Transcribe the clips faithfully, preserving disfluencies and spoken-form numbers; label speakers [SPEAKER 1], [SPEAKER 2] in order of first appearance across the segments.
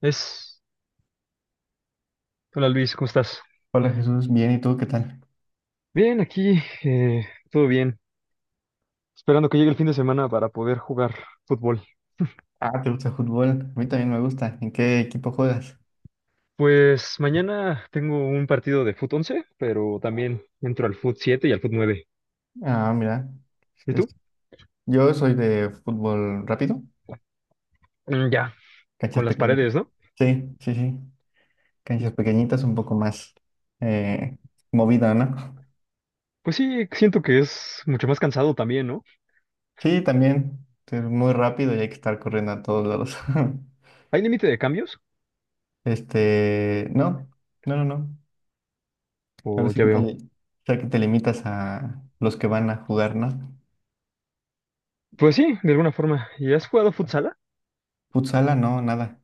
[SPEAKER 1] Es, Hola Luis, ¿cómo estás?
[SPEAKER 2] Hola Jesús, bien, ¿y tú qué tal?
[SPEAKER 1] Bien, aquí, eh, todo bien. Esperando que llegue el fin de semana para poder jugar fútbol.
[SPEAKER 2] Ah, ¿te gusta el fútbol? A mí también me gusta. ¿En qué equipo juegas?
[SPEAKER 1] Pues mañana tengo un partido de fut once, pero también entro al fut siete y al fut nueve.
[SPEAKER 2] Ah, mira,
[SPEAKER 1] ¿Y tú?
[SPEAKER 2] es- yo soy de fútbol rápido,
[SPEAKER 1] Mm, ya,
[SPEAKER 2] canchas
[SPEAKER 1] con las paredes,
[SPEAKER 2] pequeñitas.
[SPEAKER 1] ¿no?
[SPEAKER 2] Sí, sí, sí, canchas pequeñitas, un poco más eh, movida, ¿no?
[SPEAKER 1] Pues sí, siento que es mucho más cansado también, ¿no?
[SPEAKER 2] Sí, también, es muy rápido y hay que estar corriendo a todos lados.
[SPEAKER 1] ¿Hay límite de cambios?
[SPEAKER 2] Este, no, no, no, no. Ahora
[SPEAKER 1] O
[SPEAKER 2] sí
[SPEAKER 1] ya
[SPEAKER 2] que te, li-
[SPEAKER 1] veo.
[SPEAKER 2] o sea, que te limitas a los que van a jugar, ¿no?
[SPEAKER 1] Pues sí, de alguna forma. ¿Y has jugado futsala?
[SPEAKER 2] Futsala, no, nada.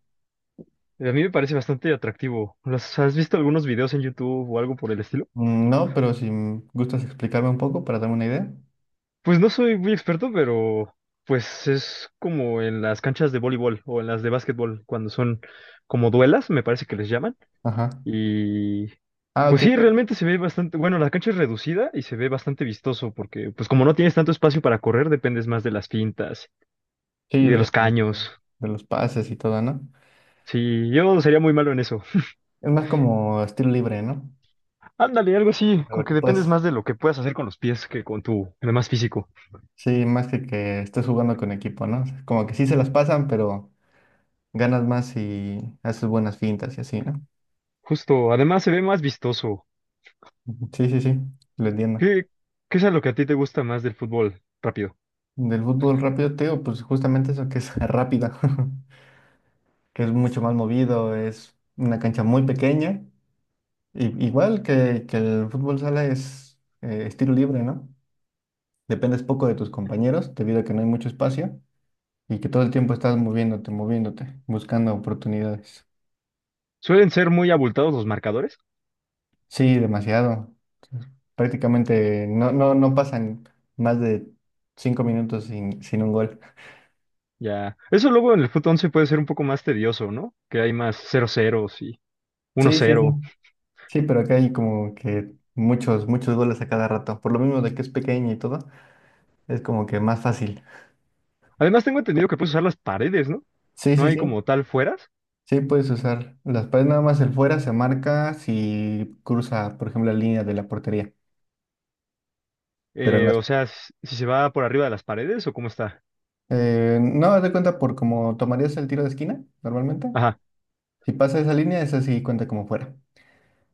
[SPEAKER 1] Eh, A mí me parece bastante atractivo. ¿Las- ¿Has visto algunos videos en YouTube o algo por el estilo?
[SPEAKER 2] Mm, no, pero si m- gustas explicarme un poco para darme una idea.
[SPEAKER 1] Pues no soy muy experto, pero pues es como en las canchas de voleibol o en las de básquetbol, cuando son como duelas, me parece que les llaman.
[SPEAKER 2] Ajá.
[SPEAKER 1] Y
[SPEAKER 2] Ah, ok.
[SPEAKER 1] pues sí,
[SPEAKER 2] creo-
[SPEAKER 1] realmente se ve bastante, bueno, la cancha es reducida y se ve bastante vistoso, porque pues como no tienes tanto espacio para correr, dependes más de las pintas
[SPEAKER 2] Sí,
[SPEAKER 1] y de
[SPEAKER 2] de,
[SPEAKER 1] los
[SPEAKER 2] de-
[SPEAKER 1] caños.
[SPEAKER 2] de los pases y todo, ¿no?
[SPEAKER 1] Sí, yo sería muy malo en eso.
[SPEAKER 2] Es más como estilo libre, ¿no?
[SPEAKER 1] Ándale, algo así,
[SPEAKER 2] De lo
[SPEAKER 1] como que
[SPEAKER 2] que
[SPEAKER 1] dependes
[SPEAKER 2] puedes,
[SPEAKER 1] más de lo que puedas hacer con los pies que con tu, además físico.
[SPEAKER 2] sí, más que que estés jugando con equipo, ¿no? O sea, como que sí se las pasan, pero ganas más y haces buenas fintas y así, ¿no?
[SPEAKER 1] Justo, además se ve más vistoso.
[SPEAKER 2] Ujú. Sí, sí, sí, lo entiendo.
[SPEAKER 1] ¿Qué, qué es a lo que a ti te gusta más del fútbol? Rápido.
[SPEAKER 2] Del fútbol rápido, te digo, pues justamente eso que es rápida, que es mucho más movido, es una cancha muy pequeña. I- Igual que, que el fútbol sala es eh, estilo libre, ¿no? Dependes poco de tus compañeros debido a que no hay mucho espacio y que todo el tiempo estás moviéndote, moviéndote, buscando oportunidades.
[SPEAKER 1] Suelen ser muy abultados los marcadores.
[SPEAKER 2] Sí, demasiado. Prácticamente no, no, no pasan más de cinco minutos sin, sin un gol.
[SPEAKER 1] Ya. Eso luego en el fut once puede ser un poco más tedioso, ¿no? Que hay más cero 0 y uno
[SPEAKER 2] Sí, sí, sí, sí.
[SPEAKER 1] cero.
[SPEAKER 2] Sí, pero acá hay como que muchos, muchos goles a cada rato. Por lo mismo de que es pequeño y todo, es como que más fácil.
[SPEAKER 1] Además, tengo entendido que puedes usar las paredes, ¿no?
[SPEAKER 2] Sí,
[SPEAKER 1] No
[SPEAKER 2] sí,
[SPEAKER 1] hay
[SPEAKER 2] sí.
[SPEAKER 1] como tal fueras.
[SPEAKER 2] Sí, puedes usar las paredes, nada más el fuera se marca si cruza, por ejemplo, la línea de la portería. Pero
[SPEAKER 1] Eh,
[SPEAKER 2] las...
[SPEAKER 1] o sea, s- si se va por arriba de las paredes o cómo está.
[SPEAKER 2] eh, no, haz de cuenta por cómo tomarías el tiro de esquina normalmente.
[SPEAKER 1] Ajá,
[SPEAKER 2] Si pasa esa línea, esa sí cuenta como fuera.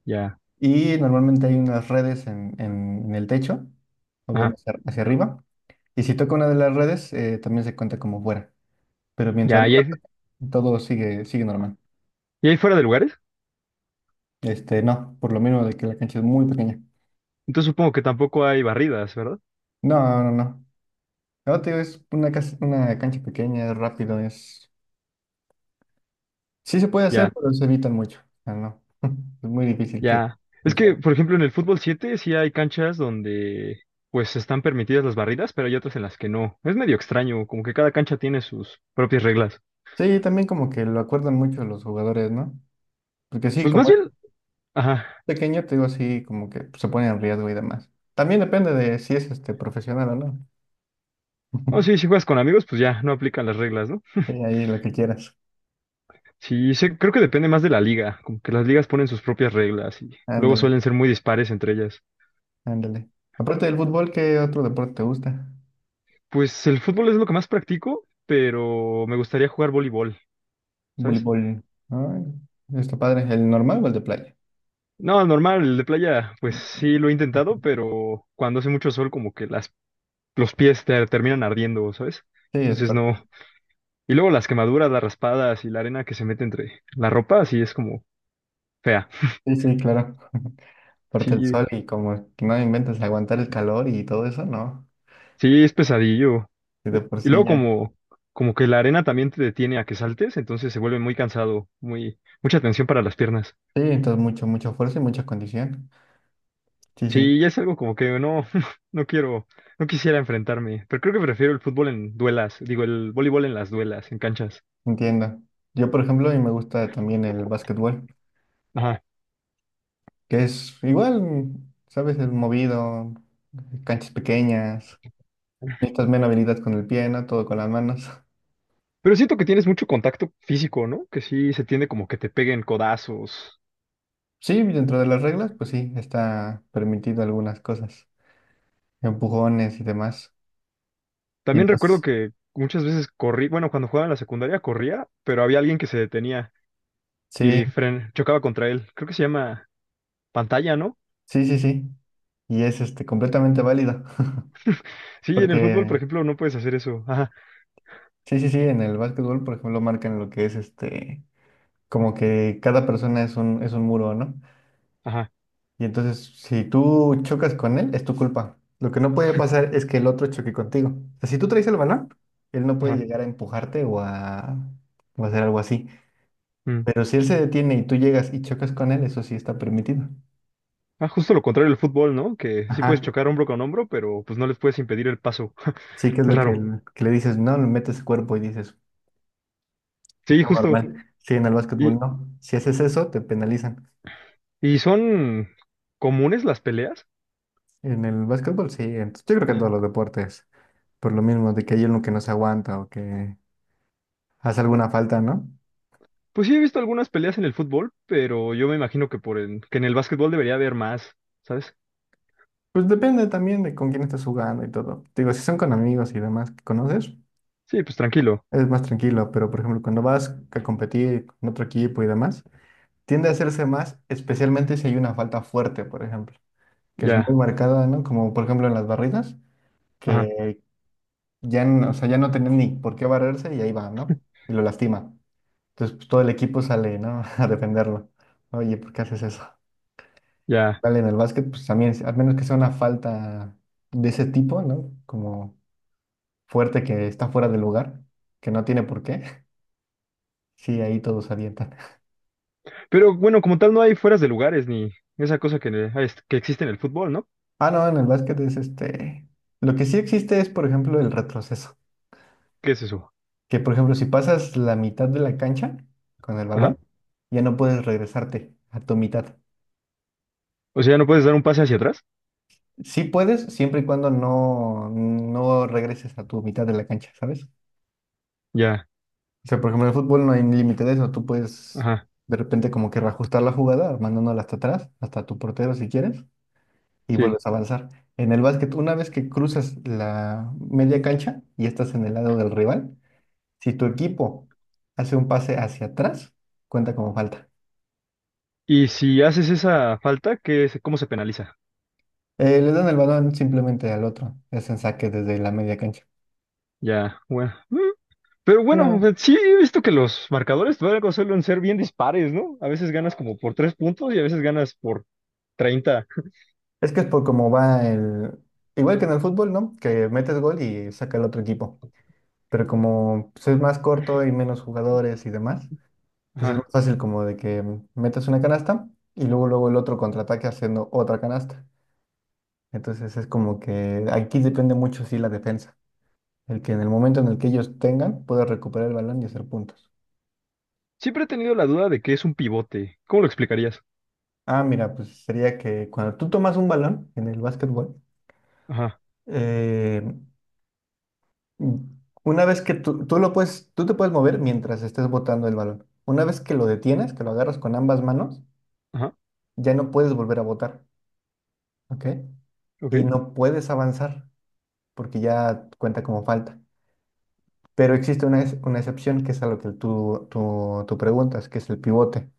[SPEAKER 1] ya,
[SPEAKER 2] Y normalmente hay unas redes en, en- en el techo, o bueno,
[SPEAKER 1] ajá,
[SPEAKER 2] hacia, hacia arriba. Y si toca una de las redes, eh, también se cuenta como fuera. Pero mientras
[SPEAKER 1] ya.
[SPEAKER 2] no
[SPEAKER 1] ¿Y
[SPEAKER 2] la
[SPEAKER 1] hay,
[SPEAKER 2] toque, todo sigue, sigue normal.
[SPEAKER 1] y hay fuera de lugares?
[SPEAKER 2] Este, no, por lo menos de que la cancha es muy pequeña.
[SPEAKER 1] Entonces supongo que tampoco hay barridas, ¿verdad?
[SPEAKER 2] No, no, no. No, te digo, es una, cas- una cancha pequeña, es rápido, es... Sí se puede hacer, pero se evitan mucho. Ah, no. Es muy difícil que
[SPEAKER 1] Ya. Es que,
[SPEAKER 2] funcione.
[SPEAKER 1] por ejemplo, en el fútbol siete sí hay canchas donde pues están permitidas las barridas, pero hay otras en las que no. Es medio extraño, como que cada cancha tiene sus propias reglas.
[SPEAKER 2] Sí, también como que lo acuerdan mucho los jugadores, ¿no? Porque sí,
[SPEAKER 1] Pues más
[SPEAKER 2] como es
[SPEAKER 1] bien, ajá.
[SPEAKER 2] pequeño, te digo así, como que se pone en riesgo y demás. También depende de si es este profesional o no.
[SPEAKER 1] Oh, sí, si juegas con amigos, pues ya, no aplican las reglas, ¿no?
[SPEAKER 2] Sí, ahí lo que quieras.
[SPEAKER 1] Sí, sé- creo que depende más de la liga, como que las ligas ponen sus propias reglas y luego
[SPEAKER 2] Ándale,
[SPEAKER 1] suelen ser muy dispares entre ellas.
[SPEAKER 2] ándale. Aparte del fútbol, ¿qué otro deporte te gusta?
[SPEAKER 1] Pues el fútbol es lo que más practico, pero me gustaría jugar voleibol, ¿sabes?
[SPEAKER 2] Voleibol, ¿no? Está padre, ¿el normal o el de playa?
[SPEAKER 1] No, normal, el de playa, pues sí lo he intentado,
[SPEAKER 2] Sí,
[SPEAKER 1] pero cuando hace mucho sol, como que las los pies te terminan ardiendo, ¿sabes?
[SPEAKER 2] es
[SPEAKER 1] Entonces
[SPEAKER 2] parte.
[SPEAKER 1] no. Y luego las quemaduras, las raspadas y la arena que se mete entre la ropa, sí es como fea.
[SPEAKER 2] Sí, sí, claro. Parte el
[SPEAKER 1] Sí,
[SPEAKER 2] sol y como que no inventes aguantar el calor y todo eso, ¿no?
[SPEAKER 1] sí es pesadillo.
[SPEAKER 2] Y de
[SPEAKER 1] Eh,
[SPEAKER 2] por
[SPEAKER 1] Y
[SPEAKER 2] sí
[SPEAKER 1] luego
[SPEAKER 2] ya.
[SPEAKER 1] como, como que la arena también te detiene a que saltes, entonces se vuelve muy cansado, muy, mucha tensión para las piernas.
[SPEAKER 2] Sí, entonces mucho, mucha fuerza y mucha condición. Sí, sí,
[SPEAKER 1] Sí, ya es algo como que no, no quiero, no quisiera enfrentarme, pero creo que prefiero el fútbol en duelas, digo, el voleibol en las duelas, en canchas.
[SPEAKER 2] entiendo. Yo, por ejemplo, a mí me gusta también el básquetbol,
[SPEAKER 1] Ajá.
[SPEAKER 2] que es igual, ¿sabes? Es movido, canchas pequeñas, necesitas menos habilidad con el pie, ¿no? Todo con las manos.
[SPEAKER 1] Pero siento que tienes mucho contacto físico, ¿no? Que sí se tiende como que te peguen codazos.
[SPEAKER 2] Sí, dentro de las reglas, pues sí, está permitido algunas cosas, empujones y demás.
[SPEAKER 1] También recuerdo
[SPEAKER 2] Mientras,
[SPEAKER 1] que muchas veces corrí, bueno, cuando jugaba en la secundaria corría, pero había alguien que se detenía
[SPEAKER 2] sí.
[SPEAKER 1] y fren chocaba contra él. Creo que se llama pantalla, ¿no?
[SPEAKER 2] Sí, sí, sí. Y es este completamente válida.
[SPEAKER 1] Sí, en el fútbol,
[SPEAKER 2] Porque,
[SPEAKER 1] por ejemplo, no puedes hacer eso. Ajá,
[SPEAKER 2] sí, sí, sí, en el básquetbol, por ejemplo, marcan lo que es este, como que cada persona es un, es un muro, ¿no?
[SPEAKER 1] ajá,
[SPEAKER 2] Y entonces, si tú chocas con él, es tu culpa. Lo que no puede pasar es que el otro choque contigo. O sea, si tú traes el balón, él no puede
[SPEAKER 1] ajá.
[SPEAKER 2] llegar a empujarte o a, o a hacer algo así.
[SPEAKER 1] Mm.
[SPEAKER 2] Pero si él se detiene y tú llegas y chocas con él, eso sí está permitido.
[SPEAKER 1] Ah, justo lo contrario del fútbol, ¿no? Que sí puedes
[SPEAKER 2] Ajá.
[SPEAKER 1] chocar hombro con hombro, pero pues no les puedes impedir el paso.
[SPEAKER 2] Sí, que es
[SPEAKER 1] Es
[SPEAKER 2] lo que,
[SPEAKER 1] raro.
[SPEAKER 2] el- que le dices, no, le metes cuerpo y dices,
[SPEAKER 1] Sí,
[SPEAKER 2] todo
[SPEAKER 1] justo.
[SPEAKER 2] normal. Sí, en el básquetbol
[SPEAKER 1] ¿Y,
[SPEAKER 2] no. Si haces eso, te penalizan.
[SPEAKER 1] y son comunes las peleas?
[SPEAKER 2] En el básquetbol sí. Entonces, yo creo que en todos
[SPEAKER 1] Ajá.
[SPEAKER 2] los deportes. Por lo mismo, de que hay uno que no se aguanta o que hace alguna falta, ¿no?
[SPEAKER 1] Pues sí, he visto algunas peleas en el fútbol, pero yo me imagino que por en, que en el básquetbol debería haber más, ¿sabes?
[SPEAKER 2] Pues depende también de con quién estás jugando y todo. Digo, si son con amigos y demás que conoces,
[SPEAKER 1] Sí, pues tranquilo,
[SPEAKER 2] es más tranquilo. Pero, por ejemplo, cuando vas a competir con otro equipo y demás, tiende a hacerse más, especialmente si hay una falta fuerte, por ejemplo, que es muy
[SPEAKER 1] ya,
[SPEAKER 2] marcada, ¿no? Como, por ejemplo, en las barridas,
[SPEAKER 1] ajá,
[SPEAKER 2] que ya, no- o sea, ya no tenía ni por qué barrerse y ahí va, ¿no? Y lo lastima. Entonces, pues, todo el equipo sale, ¿no? A defenderlo. Oye, ¿por qué haces eso?
[SPEAKER 1] ya.
[SPEAKER 2] Vale, en el básquet, pues también, al menos que sea una falta de ese tipo, ¿no? Como fuerte que está fuera de lugar, que no tiene por qué. Sí, ahí todos avientan.
[SPEAKER 1] Pero bueno, como tal no hay fueras de lugares ni esa cosa que, ne- ah, es- que existe en el fútbol, ¿no?
[SPEAKER 2] Ah, no, en el básquet es este. Lo que sí existe es, por ejemplo, el retroceso.
[SPEAKER 1] ¿Qué es eso?
[SPEAKER 2] Que, por ejemplo, si pasas la mitad de la cancha con el
[SPEAKER 1] Ajá.
[SPEAKER 2] balón, ya no puedes regresarte a tu mitad.
[SPEAKER 1] O sea, ¿no puedes dar un pase hacia atrás?
[SPEAKER 2] Sí puedes, siempre y cuando no, no regreses a tu mitad de la cancha, ¿sabes?
[SPEAKER 1] Ya,
[SPEAKER 2] O sea, por ejemplo, en el fútbol no hay límite de eso. Tú puedes
[SPEAKER 1] ajá,
[SPEAKER 2] de repente como que reajustar la jugada, mandándola hasta atrás, hasta tu portero si quieres, y
[SPEAKER 1] sí.
[SPEAKER 2] vuelves a avanzar. En el básquet, una vez que cruzas la media cancha y estás en el lado del rival, si tu equipo hace un pase hacia atrás, cuenta como falta.
[SPEAKER 1] Y si haces esa falta, ¿qué es, cómo se penaliza?
[SPEAKER 2] Eh, le dan el balón simplemente al otro. Es en saque desde la media cancha.
[SPEAKER 1] Ya, bueno. Mm. Pero
[SPEAKER 2] Sí,
[SPEAKER 1] bueno, o
[SPEAKER 2] no.
[SPEAKER 1] sea, sí he visto que los marcadores luego suelen ser bien dispares, ¿no? A veces ganas como por tres puntos y a veces ganas por treinta.
[SPEAKER 2] Es que es por cómo va el... Igual que en el fútbol, ¿no? Que metes gol y saca el otro equipo. Pero como pues, es más corto y menos jugadores y demás, pues es más fácil como de que metas una canasta y luego luego el otro contraataque haciendo otra canasta. Entonces es como que aquí depende mucho, sí, la defensa. El que en el momento en el que ellos tengan pueda recuperar el balón y hacer puntos.
[SPEAKER 1] Siempre he tenido la duda de qué es un pivote. ¿Cómo lo explicarías?
[SPEAKER 2] Ah, mira, pues sería que cuando tú tomas un balón en el básquetbol,
[SPEAKER 1] Ajá,
[SPEAKER 2] eh, mm, una vez que tú, tú lo puedes, tú te puedes mover mientras estés botando el balón. Una vez que lo detienes, que lo agarras con ambas manos,
[SPEAKER 1] ajá,
[SPEAKER 2] ya no puedes volver a botar, ¿ok?
[SPEAKER 1] ok,
[SPEAKER 2] Y no puedes avanzar porque ya cuenta como falta. Pero existe una, ex- una excepción que es a lo que tú, tú, tú preguntas, que es el pivote,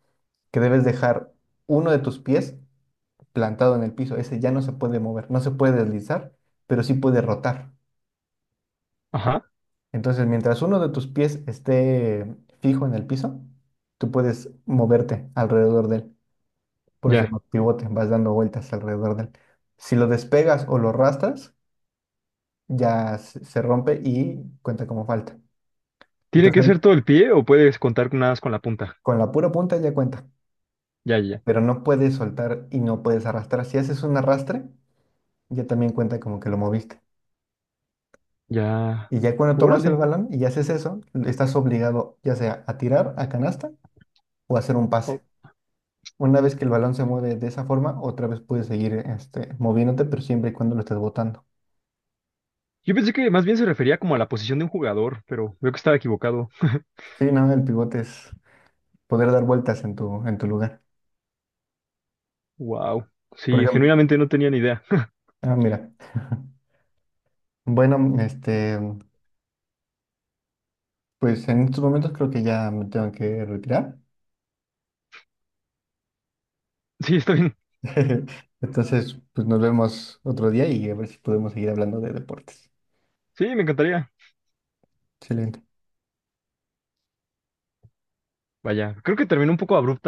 [SPEAKER 2] que debes dejar uno de tus pies plantado en el piso. Ese ya no se puede mover, no se puede deslizar, pero sí puede rotar.
[SPEAKER 1] ajá,
[SPEAKER 2] Entonces, mientras uno de tus pies esté fijo en el piso, tú puedes moverte alrededor de él. Por eso se
[SPEAKER 1] ya.
[SPEAKER 2] llama pivote, vas dando vueltas alrededor de él. Si lo despegas o lo arrastras, ya se se rompe y cuenta como falta.
[SPEAKER 1] ¿Tiene que
[SPEAKER 2] Entonces,
[SPEAKER 1] ser todo el pie o puedes contar nada más con la punta?
[SPEAKER 2] con la pura punta ya cuenta,
[SPEAKER 1] Ya, ya,
[SPEAKER 2] pero no puedes soltar y no puedes arrastrar. Si haces un arrastre, ya también cuenta como que lo moviste.
[SPEAKER 1] ya.
[SPEAKER 2] Y ya cuando tomas el
[SPEAKER 1] Órale.
[SPEAKER 2] balón y haces eso, estás obligado ya sea a tirar a canasta o a hacer un pase.
[SPEAKER 1] Oh,
[SPEAKER 2] Una vez que el balón se mueve de esa forma, otra vez puedes seguir este, moviéndote, pero siempre y cuando lo estés botando.
[SPEAKER 1] yo pensé que más bien se refería como a la posición de un jugador, pero veo que estaba equivocado.
[SPEAKER 2] Sí, no, el pivote es poder dar vueltas en tu, en tu lugar.
[SPEAKER 1] Wow.
[SPEAKER 2] Por
[SPEAKER 1] Sí,
[SPEAKER 2] ejemplo,
[SPEAKER 1] genuinamente no tenía ni idea.
[SPEAKER 2] ah, mira. Bueno, este, pues en estos momentos creo que ya me tengo que retirar.
[SPEAKER 1] Sí, está bien.
[SPEAKER 2] Entonces, pues nos vemos otro día y a ver si podemos seguir hablando de deportes.
[SPEAKER 1] Sí, me encantaría.
[SPEAKER 2] Excelente.
[SPEAKER 1] Vaya, creo que terminó un poco abrupto.